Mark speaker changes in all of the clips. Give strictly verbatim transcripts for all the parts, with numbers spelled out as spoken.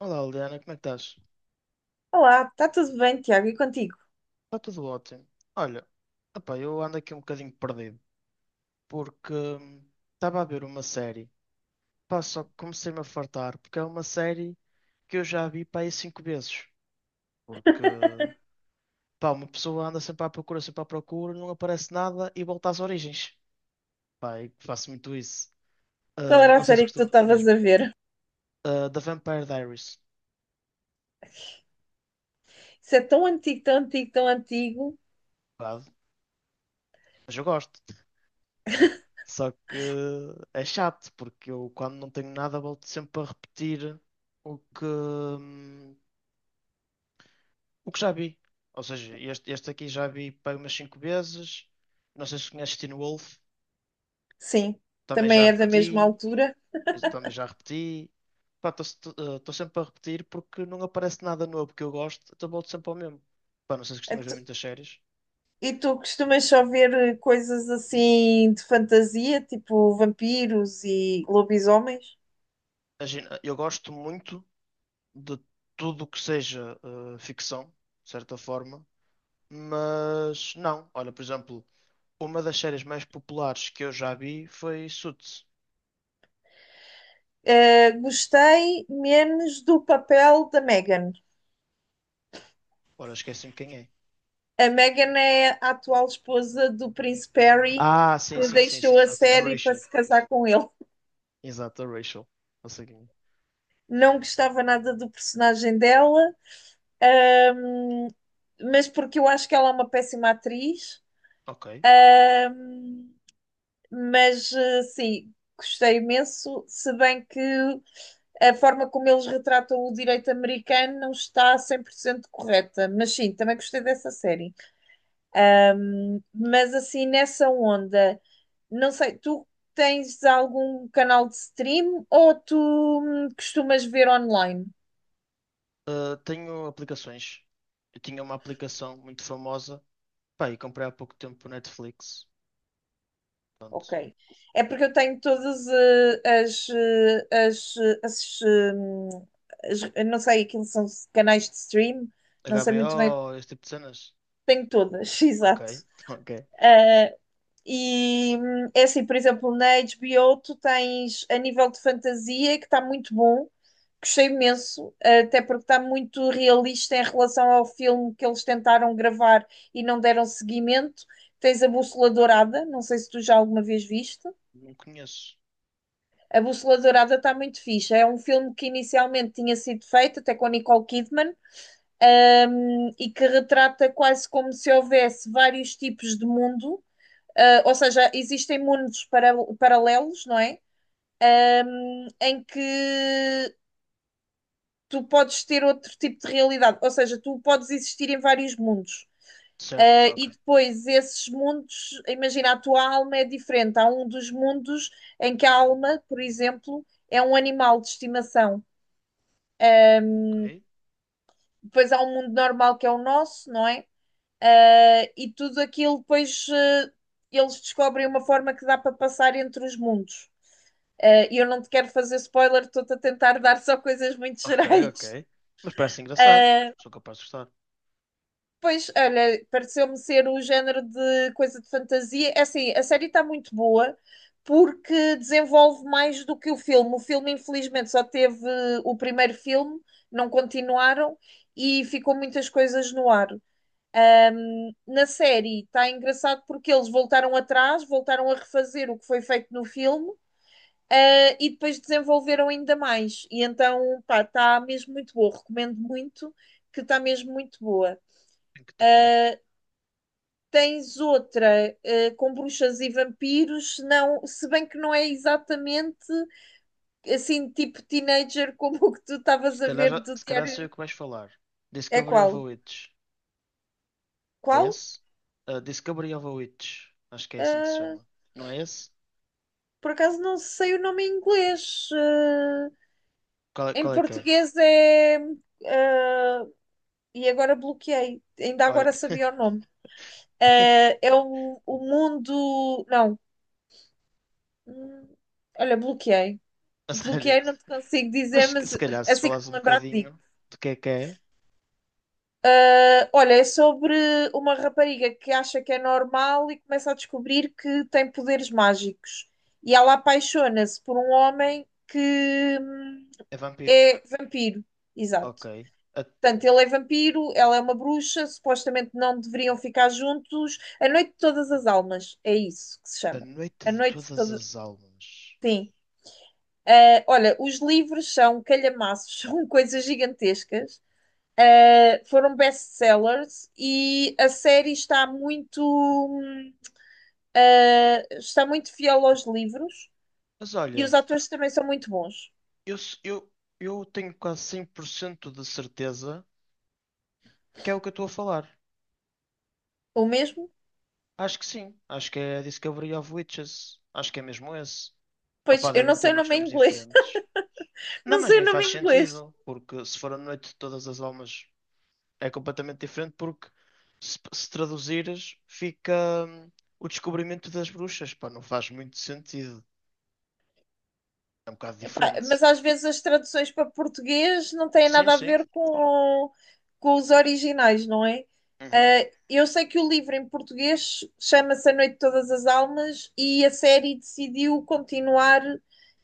Speaker 1: Olá, Liliana, como é que estás?
Speaker 2: Olá, está tudo bem, Tiago? E contigo?
Speaker 1: Está tudo ótimo. Olha, opá, eu ando aqui um bocadinho perdido, porque hum, estava a ver uma série, pá, só que comecei-me a fartar, porque é uma série que eu já vi, pá, aí cinco vezes, porque, pá, uma pessoa anda sempre à procura, sempre à procura, não aparece nada e volta às origens, pá, e faço muito isso.
Speaker 2: Qual
Speaker 1: Ah,
Speaker 2: era
Speaker 1: não
Speaker 2: a
Speaker 1: sei se
Speaker 2: série que tu
Speaker 1: costumo,
Speaker 2: estavas
Speaker 1: diz-me.
Speaker 2: a ver?
Speaker 1: Ah, da Vampire Diaries,
Speaker 2: Isso é tão antigo, tão antigo, tão antigo.
Speaker 1: pá, mas eu gosto. Só que é chato, porque eu quando não tenho nada volto sempre a repetir o que, hum, o que já vi. Ou seja, este, este aqui já vi para umas cinco vezes. Não sei se conheces Teen Wolf,
Speaker 2: Sim,
Speaker 1: também já
Speaker 2: também é da mesma
Speaker 1: repeti,
Speaker 2: altura.
Speaker 1: esse também já repeti. Pá, estou sempre a repetir porque não aparece nada novo que eu gosto, então volto sempre ao mesmo. Pá, não sei se
Speaker 2: E
Speaker 1: costumas ver
Speaker 2: tu,
Speaker 1: muitas séries.
Speaker 2: e tu costumas só ver eh, coisas assim de fantasia, tipo vampiros e lobisomens?
Speaker 1: Imagina, eu gosto muito de tudo o que seja eh, ficção, de certa forma. Mas não, olha, por exemplo, uma das séries mais populares que eu já vi foi Suits.
Speaker 2: Eh, Gostei menos do papel da Meghan.
Speaker 1: Ora, esqueci-me quem é.
Speaker 2: A Meghan é a atual esposa do Príncipe Harry,
Speaker 1: Ah, sim,
Speaker 2: que
Speaker 1: sim, sim,
Speaker 2: deixou
Speaker 1: sim.
Speaker 2: a
Speaker 1: Ok, a
Speaker 2: série para
Speaker 1: Rachel.
Speaker 2: se casar com ele.
Speaker 1: Exato, a Rachel. Não sei quem é.
Speaker 2: Não gostava nada do personagem dela. Ahm, mas porque eu acho que ela é uma péssima atriz,
Speaker 1: Ok.
Speaker 2: mas eh, sim, gostei imenso, se bem que a forma como eles retratam o direito americano não está cem por cento correta, mas sim, também gostei dessa série. Mas assim, nessa onda, não sei, tu tens algum canal de stream ou tu hum, costumas ver online?
Speaker 1: Ah, tenho aplicações. Eu tinha uma aplicação muito famosa. Pá, e comprei há pouco tempo o Netflix. Pronto.
Speaker 2: Ok. É porque eu tenho todas eh, as, eh, as, eh, as, hum, as- eu não sei, aquilo são canais de stream, não sei muito bem,
Speaker 1: H B O, esse tipo de cenas.
Speaker 2: tenho todas,
Speaker 1: Ok,
Speaker 2: exato.
Speaker 1: ok.
Speaker 2: Eh, e hum, É assim, por exemplo, na H B O tu tens a nível de fantasia que está muito bom, gostei imenso, eh, até porque está muito realista em relação ao filme que eles tentaram gravar e não deram seguimento. Tens a Bússola Dourada, não sei se tu já alguma vez viste.
Speaker 1: Não conheço.
Speaker 2: A Bússola Dourada está muito fixe. É um filme que inicialmente tinha sido feito, até com a Nicole Kidman, um, e que retrata quase como se houvesse vários tipos de mundo, uh, ou seja, existem mundos para, paralelos, não é? Um, em que tu podes ter outro tipo de realidade, ou seja, tu podes existir em vários mundos. Uh,
Speaker 1: Certo, ok,
Speaker 2: e depois esses mundos, imagina, a tua alma é diferente. Há um dos mundos em que a alma, por exemplo, é um animal de estimação.
Speaker 1: ok.
Speaker 2: Depois há um mundo normal que é o nosso, não é? Ah, e tudo aquilo depois ah, eles descobrem uma forma que dá para passar entre os mundos. Ah, E eu não te quero fazer spoiler, estou-te a tentar dar só coisas muito
Speaker 1: Ok, ok.
Speaker 2: gerais.
Speaker 1: Mas parece engraçado.
Speaker 2: Ah,
Speaker 1: Sou capaz de gostar.
Speaker 2: pois, olha, pareceu-me ser o género de coisa de fantasia. É assim, a série está muito boa porque desenvolve mais do que o filme. O filme, infelizmente, só teve o primeiro filme, não continuaram e ficou muitas coisas no ar. Ahm, na série está engraçado porque eles voltaram atrás, voltaram a refazer o que foi feito no filme, ah, e depois desenvolveram ainda mais. E então, pá, está mesmo muito boa. Recomendo muito, que está mesmo muito boa.
Speaker 1: Tenho que tentar.
Speaker 2: Tens outra, ah, com bruxas e vampiros, não, se bem que não é exatamente assim, tipo teenager, como o que tu
Speaker 1: Se
Speaker 2: estavas a
Speaker 1: calhar,
Speaker 2: ver
Speaker 1: já-
Speaker 2: do
Speaker 1: se calhar sei
Speaker 2: Diário.
Speaker 1: o que vais falar.
Speaker 2: É
Speaker 1: Discovery of a
Speaker 2: qual?
Speaker 1: Witch. É
Speaker 2: Qual?
Speaker 1: esse? Uh, Discovery of a Witch. Acho que é assim que se
Speaker 2: Ah,
Speaker 1: chama. Não é esse?
Speaker 2: por acaso não sei o nome em inglês. Ah,
Speaker 1: Qual é,
Speaker 2: Em
Speaker 1: qual é que é?
Speaker 2: português é. ah, e agora bloqueei, ainda
Speaker 1: Olha,
Speaker 2: agora sabia o nome. Ah, É o, o mundo. Não. Hum. Olha, bloqueei.
Speaker 1: a sério.
Speaker 2: Bloqueei, não te consigo
Speaker 1: Mas
Speaker 2: dizer,
Speaker 1: se
Speaker 2: mas
Speaker 1: se calhar se
Speaker 2: assim que
Speaker 1: falares
Speaker 2: me
Speaker 1: um
Speaker 2: lembrar, te digo.
Speaker 1: bocadinho de que é que é,
Speaker 2: Ah, olha, é sobre uma rapariga que acha que é normal e começa a descobrir que tem poderes mágicos. E ela apaixona-se por um homem que hum,
Speaker 1: é vampiro.
Speaker 2: é vampiro. Exato.
Speaker 1: Ok. A,
Speaker 2: Portanto, ele é vampiro, ela é uma bruxa, supostamente não deveriam ficar juntos. A Noite de Todas as Almas, é isso que se
Speaker 1: a
Speaker 2: chama.
Speaker 1: noite
Speaker 2: A
Speaker 1: de
Speaker 2: Noite de
Speaker 1: todas
Speaker 2: Todas.
Speaker 1: as almas.
Speaker 2: Sim. Ah, olha, os livros são calhamaços, são coisas gigantescas. Ah, foram best-sellers e a série está muito, hum, ah, está muito fiel aos livros
Speaker 1: Mas
Speaker 2: e
Speaker 1: olha,
Speaker 2: os atores também são muito bons.
Speaker 1: eu, s- eu, eu tenho quase cem por cento de certeza que é o que eu estou a falar.
Speaker 2: O mesmo?
Speaker 1: Acho que sim. Acho que é Discovery of Witches. Acho que é mesmo esse.
Speaker 2: Pois,
Speaker 1: Opá,
Speaker 2: eu não
Speaker 1: devem ter
Speaker 2: sei o
Speaker 1: muitos
Speaker 2: nome em
Speaker 1: nomes
Speaker 2: inglês.
Speaker 1: diferentes. Não,
Speaker 2: Não
Speaker 1: mas
Speaker 2: sei o
Speaker 1: nem
Speaker 2: nome
Speaker 1: faz
Speaker 2: em inglês.
Speaker 1: sentido, porque se for a noite de todas as almas é completamente diferente, porque se, se traduzires fica hum, o descobrimento das bruxas, pá, não faz muito sentido. É um bocado
Speaker 2: Pá, mas
Speaker 1: diferente.
Speaker 2: às vezes as traduções para português não têm
Speaker 1: Sim,
Speaker 2: nada a
Speaker 1: sim.
Speaker 2: ver com, com os originais, não é?
Speaker 1: Uhum.
Speaker 2: Ah, eu sei que o livro em português chama-se A Noite de Todas as Almas e a série decidiu continuar,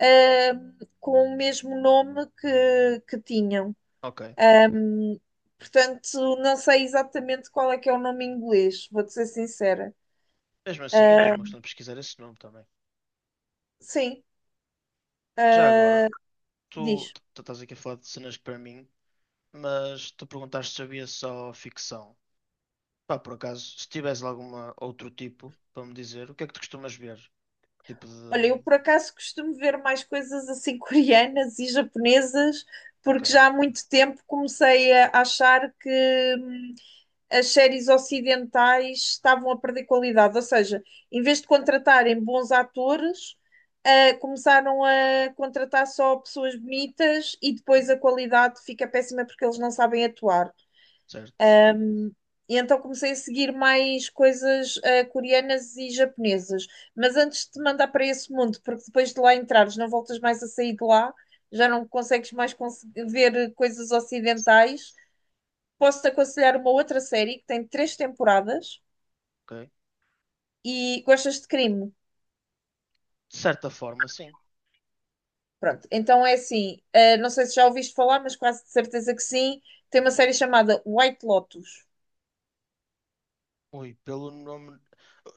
Speaker 2: ah, com o mesmo nome que, que tinham.
Speaker 1: Ok.
Speaker 2: Portanto, não sei exatamente qual é que é o nome em inglês, vou-te ser sincera.
Speaker 1: Mesmo assim, é tudo uma questão de pesquisar esse nome também.
Speaker 2: Sim,
Speaker 1: Já agora, tu,
Speaker 2: diz.
Speaker 1: tu tu estás aqui a falar de cenas que para mim, mas tu perguntaste se havia só ficção. Pá, por acaso, se tivesse lá alguma outro tipo para me dizer, o que é que tu costumas ver? Que tipo de.
Speaker 2: Olha, eu por acaso costumo ver mais coisas assim coreanas e japonesas,
Speaker 1: Ok,
Speaker 2: porque já há muito tempo comecei a achar que hum, as séries ocidentais estavam a perder qualidade. Ou seja, em vez de contratarem bons atores, ah, começaram a contratar só pessoas bonitas e depois a qualidade fica péssima porque eles não sabem atuar.
Speaker 1: certo,
Speaker 2: E então comecei a seguir mais coisas eh, coreanas e japonesas. Mas antes de te mandar para esse mundo, porque depois de lá entrares, não voltas mais a sair de lá, já não consegues mais cons- ver coisas ocidentais. Posso-te aconselhar uma outra série que tem três temporadas
Speaker 1: ok.
Speaker 2: e gostas de crime.
Speaker 1: De certa forma, sim.
Speaker 2: Pronto, então é assim, eh, não sei se já ouviste falar, mas quase de certeza que sim. Tem uma série chamada White Lotus.
Speaker 1: Ui, pelo nome.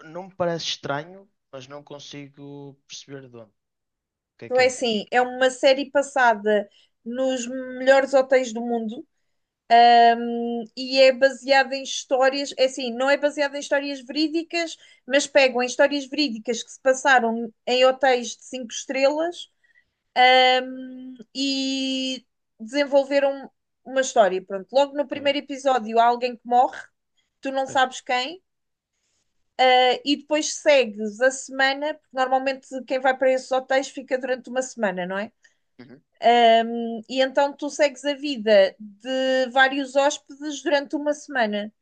Speaker 1: Não me parece estranho, mas não consigo perceber de onde. O que é
Speaker 2: Então
Speaker 1: que
Speaker 2: é
Speaker 1: é?
Speaker 2: assim, é uma série passada nos melhores hotéis do mundo e é baseada em histórias, é assim, não é baseada em histórias verídicas, mas pegam em histórias verídicas que se passaram em hotéis de cinco estrelas e desenvolveram uma história. Pronto, logo no
Speaker 1: Ok.
Speaker 2: primeiro episódio há alguém que morre, tu não
Speaker 1: É.
Speaker 2: sabes quem, eh, e depois segues a semana, porque normalmente quem vai para esses hotéis fica durante uma semana, não é?
Speaker 1: Uhum.
Speaker 2: E então tu segues a vida de vários hóspedes durante uma semana.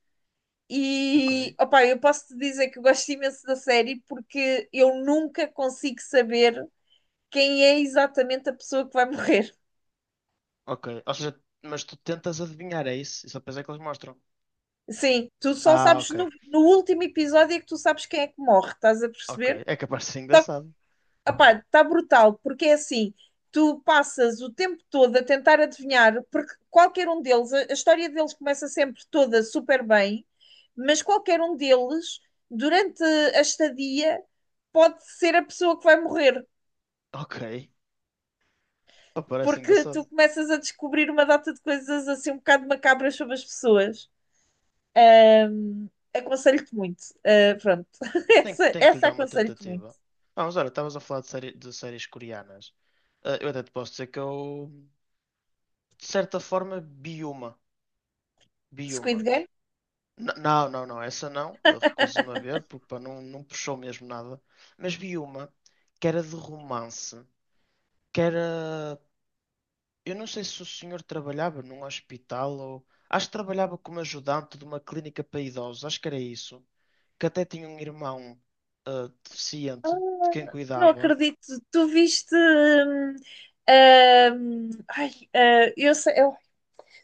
Speaker 1: Ok.
Speaker 2: E opá, eu posso te dizer que eu gosto imenso da série porque eu nunca consigo saber quem é exatamente a pessoa que vai morrer.
Speaker 1: Ok. Ou seja, mas tu tentas adivinhar, é isso? Isso só depois é que eles mostram.
Speaker 2: Sim, tu só
Speaker 1: Ah,
Speaker 2: sabes
Speaker 1: ok.
Speaker 2: no, no último episódio é que tu sabes quem é que morre, estás a
Speaker 1: Ok.
Speaker 2: perceber?
Speaker 1: É capaz de ser
Speaker 2: Só que,
Speaker 1: engraçado.
Speaker 2: opá, está brutal, porque é assim, tu passas o tempo todo a tentar adivinhar, porque qualquer um deles, a, a história deles começa sempre toda super bem, mas qualquer um deles, durante a estadia, pode ser a pessoa que vai morrer.
Speaker 1: Ok. Oh, parece
Speaker 2: Porque
Speaker 1: engraçado.
Speaker 2: tu começas a descobrir uma data de coisas assim um bocado macabras sobre as pessoas. Ahm, Aconselho-te muito. Ah, pronto,
Speaker 1: Tem, que
Speaker 2: essa,
Speaker 1: tem que lhe
Speaker 2: essa
Speaker 1: dar uma
Speaker 2: aconselho-te muito.
Speaker 1: tentativa. Ah, mas olha, estavas a falar de, série, de séries coreanas. Ah, eu até te posso dizer que eu, de certa forma, vi uma. Vi
Speaker 2: Squid
Speaker 1: uma.
Speaker 2: Game?
Speaker 1: N- não, não, não, essa não. Eu recuso-me a ver porque pá, não, não puxou mesmo nada. Mas vi uma que era de romance. Que era. Eu não sei se o senhor trabalhava num hospital ou. Acho que trabalhava como ajudante de uma clínica para idosos. Acho que era isso. Que até tinha um irmão ah, deficiente de quem
Speaker 2: Ah, não
Speaker 1: cuidava.
Speaker 2: acredito. Tu viste. hum, hum, ai, ah, eu sei, eu-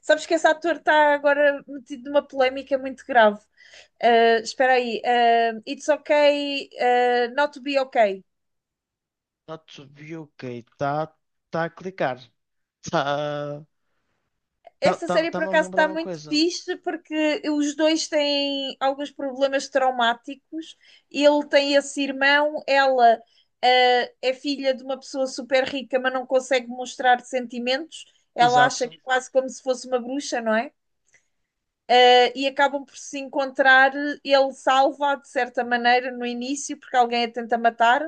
Speaker 2: sabes que esse ator está agora metido numa polémica muito grave. Ah, espera aí. ah, It's okay, ah, not to be okay.
Speaker 1: Not to be ok. Está tá tá a clicar. Está tá,
Speaker 2: Essa
Speaker 1: tá,
Speaker 2: série
Speaker 1: tá,
Speaker 2: por
Speaker 1: me a
Speaker 2: acaso
Speaker 1: lembrar
Speaker 2: está
Speaker 1: uma
Speaker 2: muito
Speaker 1: coisa.
Speaker 2: fixe porque os dois têm alguns problemas traumáticos. Ele tem esse irmão, ela ah, é filha de uma pessoa super rica, mas não consegue mostrar sentimentos. Ela acha
Speaker 1: Exato.
Speaker 2: que quase como se fosse uma bruxa, não é? Ah, e acabam por se encontrar. Ele salva de certa maneira no início, porque alguém a tenta matar,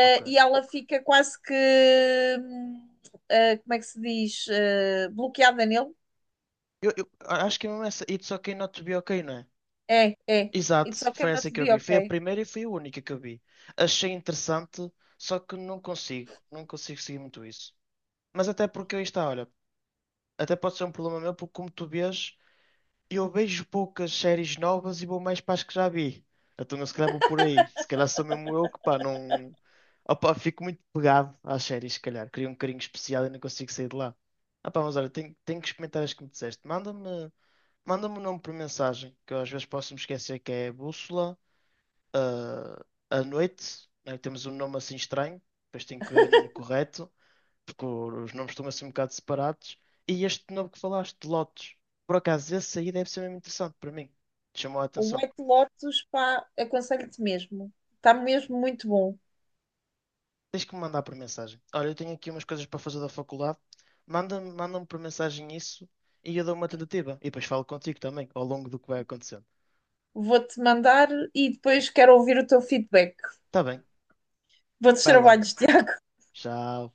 Speaker 1: Ok.
Speaker 2: e ela fica quase que, hum, ah, como é que se diz, Ah, bloqueada nele.
Speaker 1: Eu, eu acho que é mesmo essa. It's okay not to be okay, não é?
Speaker 2: É, é.
Speaker 1: Exato.
Speaker 2: It's okay
Speaker 1: Foi
Speaker 2: not
Speaker 1: essa
Speaker 2: to
Speaker 1: que eu
Speaker 2: be
Speaker 1: vi. Foi a
Speaker 2: okay.
Speaker 1: primeira e foi a única que eu vi. Achei interessante, só que não consigo. Não consigo seguir muito isso. Mas até porque aí está, olha. Até pode ser um problema meu, porque como tu vês. Eu vejo poucas séries novas e vou mais para as que já vi. Então eu se calhar vou por aí. Se calhar sou mesmo eu que pá, não. Opa, fico muito pegado às séries, se calhar. Crio um carinho especial e não consigo sair de lá. Ah pá, mas olha, tenho, tenho que experimentar as que me disseste. Manda-me, manda-me o nome por mensagem, que eu às vezes posso me esquecer que é Bússola, ah, à noite, né? Temos um nome assim estranho, depois tenho que ver o nome correto porque os nomes estão assim um bocado separados. E este novo que falaste, de Lotus, por acaso, esse aí deve ser mesmo interessante para mim. Chamou a
Speaker 2: O
Speaker 1: atenção.
Speaker 2: White Lotus, pá, aconselho-te mesmo. Está mesmo muito bom.
Speaker 1: Tens que me mandar por mensagem. Olha, eu tenho aqui umas coisas para fazer da faculdade. Manda-me, manda-me por mensagem isso e eu dou uma tentativa. E depois falo contigo também, ao longo do que vai acontecendo.
Speaker 2: Vou-te mandar e depois quero ouvir o teu feedback.
Speaker 1: Tá bem,
Speaker 2: Bons
Speaker 1: vai lá.
Speaker 2: trabalhos, Tiago.
Speaker 1: Tchau.